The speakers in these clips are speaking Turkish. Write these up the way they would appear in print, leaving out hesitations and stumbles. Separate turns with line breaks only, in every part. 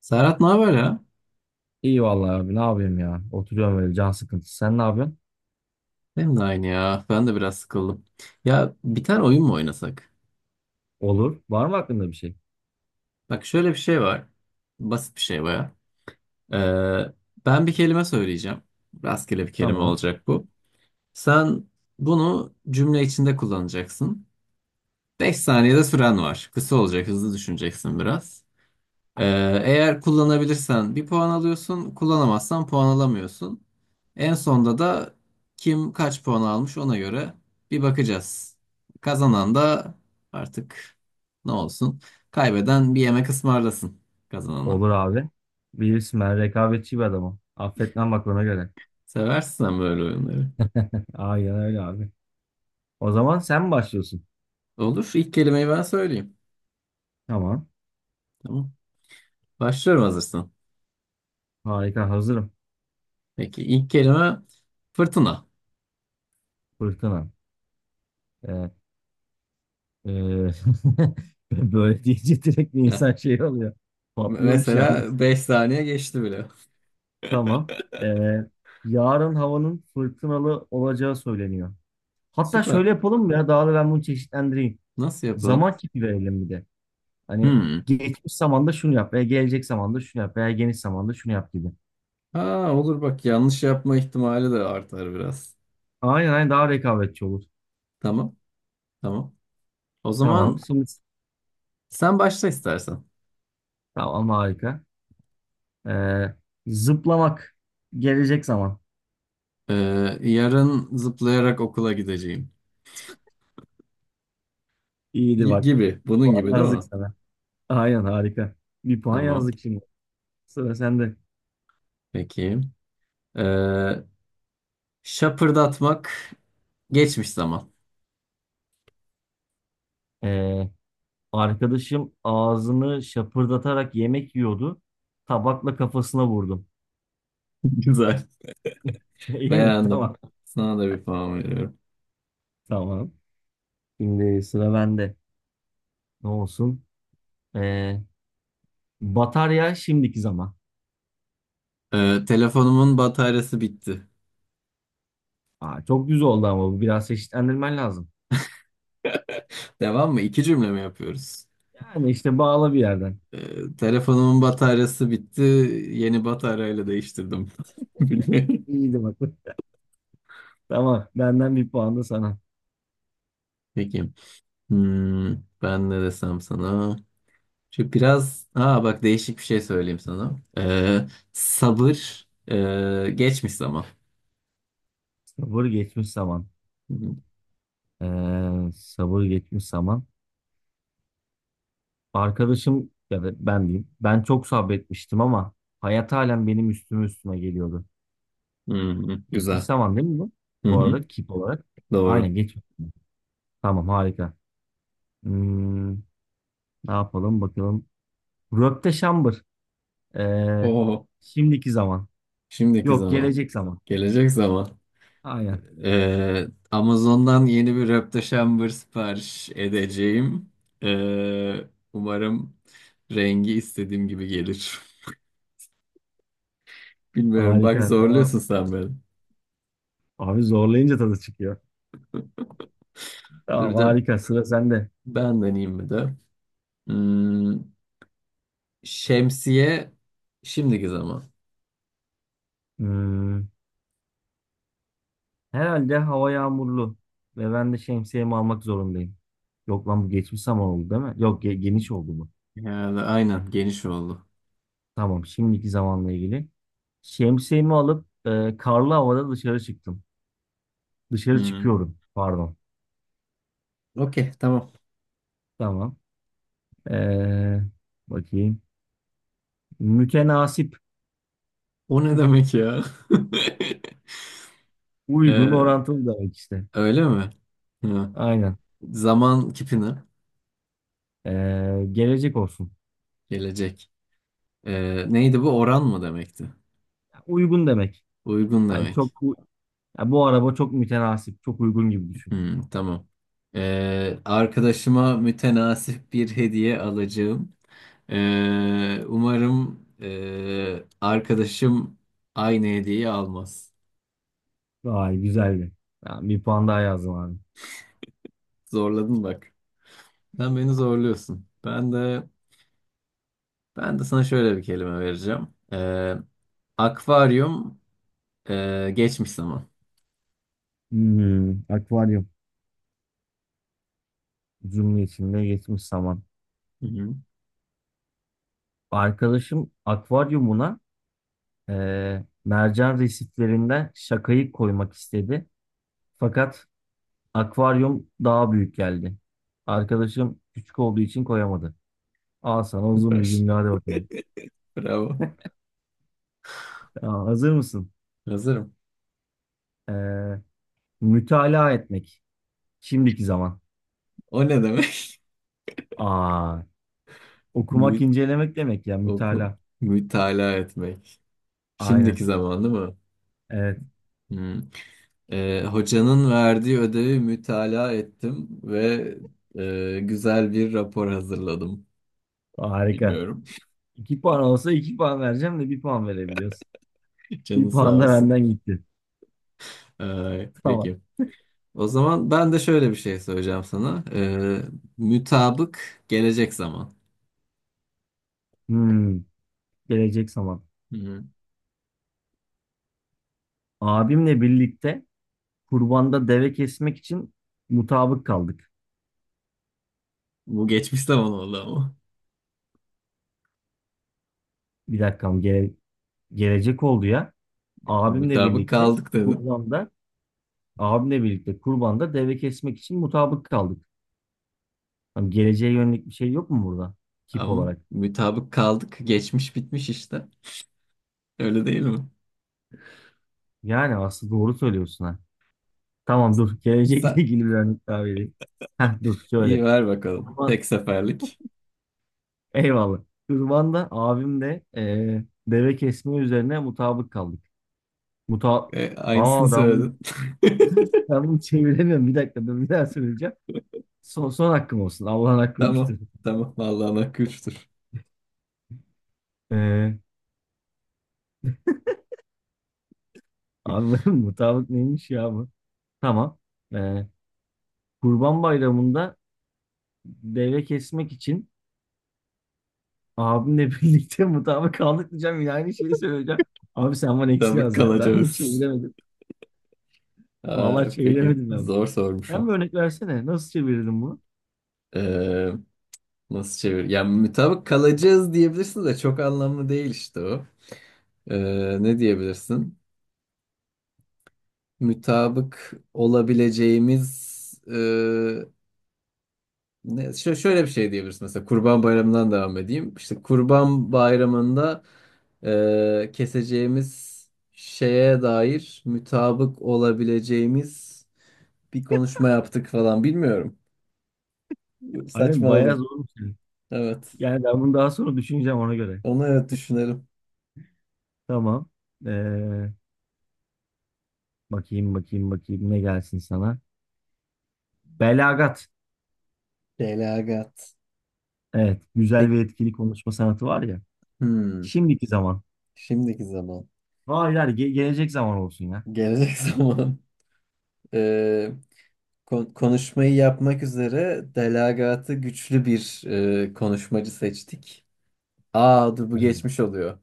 Serhat ne haber ya?
İyi vallahi abi, ne yapayım ya. Oturuyorum böyle, can sıkıntısı. Sen ne yapıyorsun?
Benim de aynı ya. Ben de biraz sıkıldım. Ya bir tane oyun mu oynasak?
Olur. Var mı aklında bir şey?
Bak şöyle bir şey var. Basit bir şey baya. Ee, Ben bir kelime söyleyeceğim. Rastgele bir kelime
Tamam.
olacak bu. Sen bunu cümle içinde kullanacaksın. 5 saniyede süren var. Kısa olacak, hızlı düşüneceksin biraz. Ee, Eğer kullanabilirsen bir puan alıyorsun, kullanamazsan puan alamıyorsun. En sonda da kim kaç puan almış ona göre bir bakacağız. Kazanan da artık ne olsun? Kaybeden bir yemek ısmarlasın kazanana.
Olur abi. Bilirsin, ben rekabetçi bir adamım. Affetmem, bak ona göre.
Seversin sen böyle oyunları.
Aynen öyle abi. O zaman sen mi başlıyorsun?
Olur. İlk kelimeyi ben söyleyeyim.
Tamam.
Tamam. Başlıyorum hazırsan.
Harika, hazırım.
Peki ilk kelime fırtına.
Fırtına. Evet. Ee, böyle deyince direkt
Ya,
insan şey oluyor. Patlıyormuş yalnız.
mesela 5 saniye geçti bile.
Tamam. Ee, yarın havanın fırtınalı olacağı söyleniyor. Hatta
Süper.
şöyle yapalım mı ya? Daha da ben bunu çeşitlendireyim.
Nasıl yapalım?
Zaman kipi verelim bir de. Hani,
Hmm.
geçmiş zamanda şunu yap veya gelecek zamanda şunu yap veya geniş zamanda şunu yap gibi.
Ha olur bak yanlış yapma ihtimali de artar biraz.
Aynen, aynen, daha rekabetçi olur.
Tamam, tamam. O
Tamam.
zaman
Şimdi
sen başla istersen.
tamam, harika. Ee, zıplamak, gelecek zaman.
Ee, Yarın zıplayarak okula gideceğim.
İyiydi
Y-
bak.
gibi. Bunun gibi
Puan
değil mi?
yazdık sana. Aynen, harika. Bir puan
Tamam.
yazdık şimdi. Sıra sende.
Peki. Ee, Şapırdatmak geçmiş zaman.
Ee, arkadaşım ağzını şapırdatarak yemek yiyordu. Tabakla kafasına vurdum.
Güzel.
İyi mi?
Beğendim.
Tamam.
Sana da bir puan veriyorum.
Tamam. Şimdi sıra bende. Ne olsun? Ee, Batarya, şimdiki zaman.
Telefonumun bataryası bitti.
Aa, çok düz oldu ama bu, biraz çeşitlendirmen lazım.
Devam mı? İki cümle mi yapıyoruz?
Yani işte bağla bir yerden.
Telefonumun bataryası bitti. Yeni bataryayla değiştirdim.
İyiydi bak. Tamam, benden bir puan da sana.
Peki. Hmm, Ben ne desem sana? Aa bak değişik bir şey söyleyeyim sana. Sabır geçmiş zaman.
Sabır, geçmiş zaman.
Hı hı.
Sabır, geçmiş zaman. Arkadaşım, ya da ben diyeyim, ben çok sabretmiştim ama hayat halen benim üstüme üstüme geliyordu.
Hı hı,
Geçmiş
güzel.
zaman değil mi bu?
Hı
Bu
hı,
arada, kip olarak.
doğru.
Aynen, geçmiş zaman. Tamam, harika. Hmm, ne yapalım bakalım. Röpte şambır. Ee,
Oo,
şimdiki zaman.
şimdiki
Yok,
zaman.
gelecek zaman.
Gelecek zaman.
Aynen.
Amazon'dan yeni bir röpte sipariş edeceğim. Ee, Umarım rengi istediğim gibi gelir. Bilmiyorum. Bak
Harika. Tamam.
zorluyorsun sen beni.
Abi, zorlayınca tadı çıkıyor.
Dur
Tamam,
bir de
harika. Sıra sende.
ben deneyeyim mi de. Hmm, Şemsiye şimdiki zaman.
Hmm, herhalde hava yağmurlu ve ben de şemsiyemi almak zorundayım. Yok lan, bu geçmiş zaman oldu değil mi? Yok, geniş oldu bu.
Yani aynen geniş oldu.
Tamam, şimdiki zamanla ilgili. Şemsiyemi alıp karlı havada dışarı çıktım. Dışarı
Hmm,
çıkıyorum. Pardon.
okey tamam.
Tamam. Ee, bakayım. Mütenasip.
O ne demek ya?
Uygun,
Ee,
orantılı demek işte.
Öyle mi? Hı.
Aynen.
Zaman kipini.
Gelecek olsun.
Gelecek. Neydi bu? Oran mı demekti?
Uygun demek.
Uygun
Hani
demek.
çok bu, ya bu araba çok mütenasip, çok uygun gibi düşün.
Hmm, tamam. Arkadaşıma mütenasip bir hediye alacağım. Umarım arkadaşım aynı hediyeyi almaz.
Vay, güzeldi. Ya, bir puan daha yazdım abi.
Zorladın bak. Sen beni zorluyorsun. Ben de sana şöyle bir kelime vereceğim. Ee, Akvaryum geçmiş zaman.
Akvaryum cümlesinde geçmiş zaman.
Hı hı.
Arkadaşım akvaryumuna mercan resiflerinden şakayı koymak istedi. Fakat akvaryum daha büyük geldi. Arkadaşım küçük olduğu için koyamadı. Al sana uzun
Süper.
bir cümle, hadi bakalım.
Bravo.
Ya, hazır mısın?
Hazırım.
Eee mütalaa etmek. Şimdiki zaman.
O ne demek?
Aa, okumak,
Mü
incelemek demek ya,
oku
mütalaa.
Mütalaa etmek. Şimdiki
Aynen.
zaman değil mi?
Evet.
Hı. Hocanın verdiği ödevi mütalaa ettim ve güzel bir rapor hazırladım.
Harika.
Bilmiyorum.
İki puan olsa iki puan vereceğim de bir puan verebiliyorsun.
Canın
Bir
sağ
puan da
olsun.
benden gitti.
Ay,
Tamam.
peki. O zaman ben de şöyle bir şey söyleyeceğim sana. Mütabık gelecek zaman.
Hmm, gelecek zaman.
Hı-hı.
Abimle birlikte kurbanda deve kesmek için mutabık kaldık.
Bu geçmiş zaman oldu ama.
Bir dakikam gelecek oldu ya. Abimle
Mütabık
birlikte
kaldık dedim.
kurbanda abimle birlikte kurbanda deve kesmek için mutabık kaldık. Hani geleceğe yönelik bir şey yok mu burada? Tip
Ama
olarak.
mütabık kaldık geçmiş bitmiş işte. Öyle değil mi?
Yani aslında doğru söylüyorsun ha. Tamam dur. Gelecekle
Sen
ilgili bir örnek daha vereyim. Heh, dur
iyi
şöyle.
ver bakalım.
Kurban,
Tek seferlik.
eyvallah. Kurban'da abim de deve kesme üzerine mutabık kaldık. Muta
Aynısını
Aa,
söyledin.
ben bunu çeviremiyorum. Bir dakika dur, bir daha söyleyeceğim. Son, son hakkım olsun. Allah'ın
Tamam.
hakkıymıştır.
Tamam. Vallahi nakıştır.
Eee abi, mutabık neymiş ya bu? Tamam. Eee, Kurban Bayramı'nda deve kesmek için abimle birlikte mutabık kaldık diyeceğim. Yine aynı şeyi söyleyeceğim. Abi, sen bana eksi
Mütabık
yaz ya. Ben bunu
kalacağız.
çeviremedim. Vallahi
Aa, peki.
çeviremedim ben bunu.
Zor
Sen bir
sormuşum.
örnek versene. Nasıl çevirdin bunu?
Ee, Nasıl çevir? Yani mutabık kalacağız diyebilirsin de çok anlamlı değil işte o. Ne diyebilirsin? Mutabık olabileceğimiz şöyle bir şey diyebilirsin mesela Kurban Bayramı'ndan devam edeyim. İşte Kurban Bayramı'nda keseceğimiz şeye dair mutabık olabileceğimiz bir konuşma yaptık falan bilmiyorum.
Aynen, bayağı
Saçmaladım.
zormuş yani.
Evet.
Yani ben bunu daha sonra düşüneceğim, ona göre.
Onu evet düşünelim.
Tamam. Ee, bakayım, bakayım, bakayım, ne gelsin sana. Belagat.
Delagat.
Evet. Güzel
Peki.
ve etkili konuşma sanatı var ya.
Hmm.
Şimdiki zaman.
Şimdiki zaman.
Hayır, hayır, gelecek zaman olsun ya.
Gelecek zaman. Ee, Konuşmayı yapmak üzere delagatı güçlü bir konuşmacı seçtik. Aa dur bu
Aynen.
geçmiş oluyor.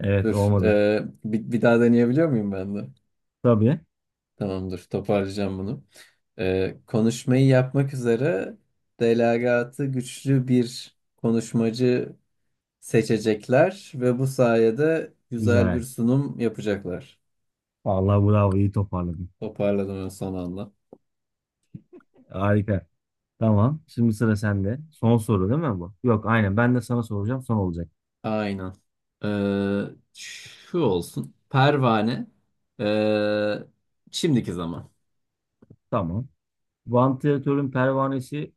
Evet,
Dur.
olmadı.
Bir daha deneyebiliyor muyum ben de?
Tabii.
Tamam dur toparlayacağım bunu. Konuşmayı yapmak üzere delagatı güçlü bir konuşmacı seçecekler ve bu sayede güzel bir
Güzel.
sunum yapacaklar.
Vallahi bravo, iyi toparladın.
Toparladım en son anda.
Harika. Tamam. Şimdi sıra sende. Son soru değil mi bu? Yok aynen, ben de sana soracağım, son olacak.
Aynen. Ee, Şu olsun. Pervane. Ee, Şimdiki zaman.
Tamam. Vantilatörün pervanesi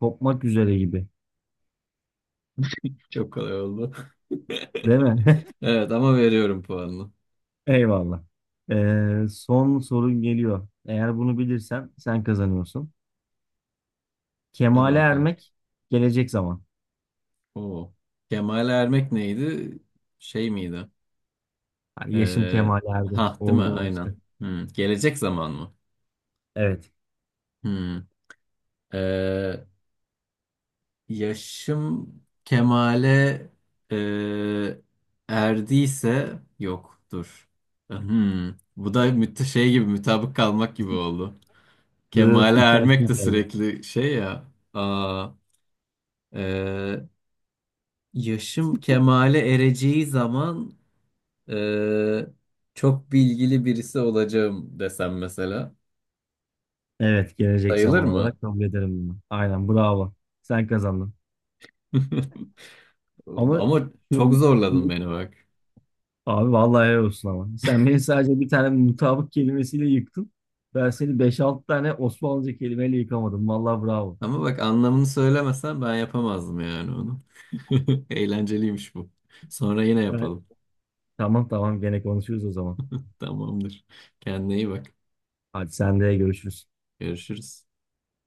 kopmak üzere gibi.
Çok kolay oldu.
Değil mi?
Evet ama veriyorum puanını.
Eyvallah. Son sorun geliyor. Eğer bunu bilirsen sen kazanıyorsun.
Hadi
Kemale
bakalım.
ermek, gelecek zaman.
Oo. Kemal Ermek neydi? Şey miydi?
Yani yaşım
Ee,
kemale erdi.
ha değil mi? Aynen.
Olgunlaştı.
Hmm. Gelecek zaman mı?
Evet.
Hmm. Ee, Yaşım Kemal'e e, erdiyse yok dur. Bu da şey gibi mutabık kalmak gibi oldu.
Dıt,
Kemal'e
iki
ermek
hakkım
de
kaldı.
sürekli şey ya. Aa, e, yaşım Kemal'e ereceği zaman e, çok bilgili birisi olacağım desem mesela
Evet, gelecek
sayılır
zaman
mı?
olarak kabul ederim bunu. Aynen, bravo. Sen kazandın. Ama
Ama çok
şu
zorladın beni bak.
Abi, vallahi helal olsun ama. Sen beni sadece bir tane mutabık kelimesiyle yıktın. Ben seni beş 6 tane Osmanlıca kelimeyle yıkamadım. Vallahi bravo.
Ama bak anlamını söylemesen ben yapamazdım yani onu. Eğlenceliymiş bu. Sonra yine
Ben...
yapalım.
Tamam, tamam, gene konuşuruz o zaman.
Tamamdır. Kendine iyi bak.
Hadi, sen de görüşürüz.
Görüşürüz.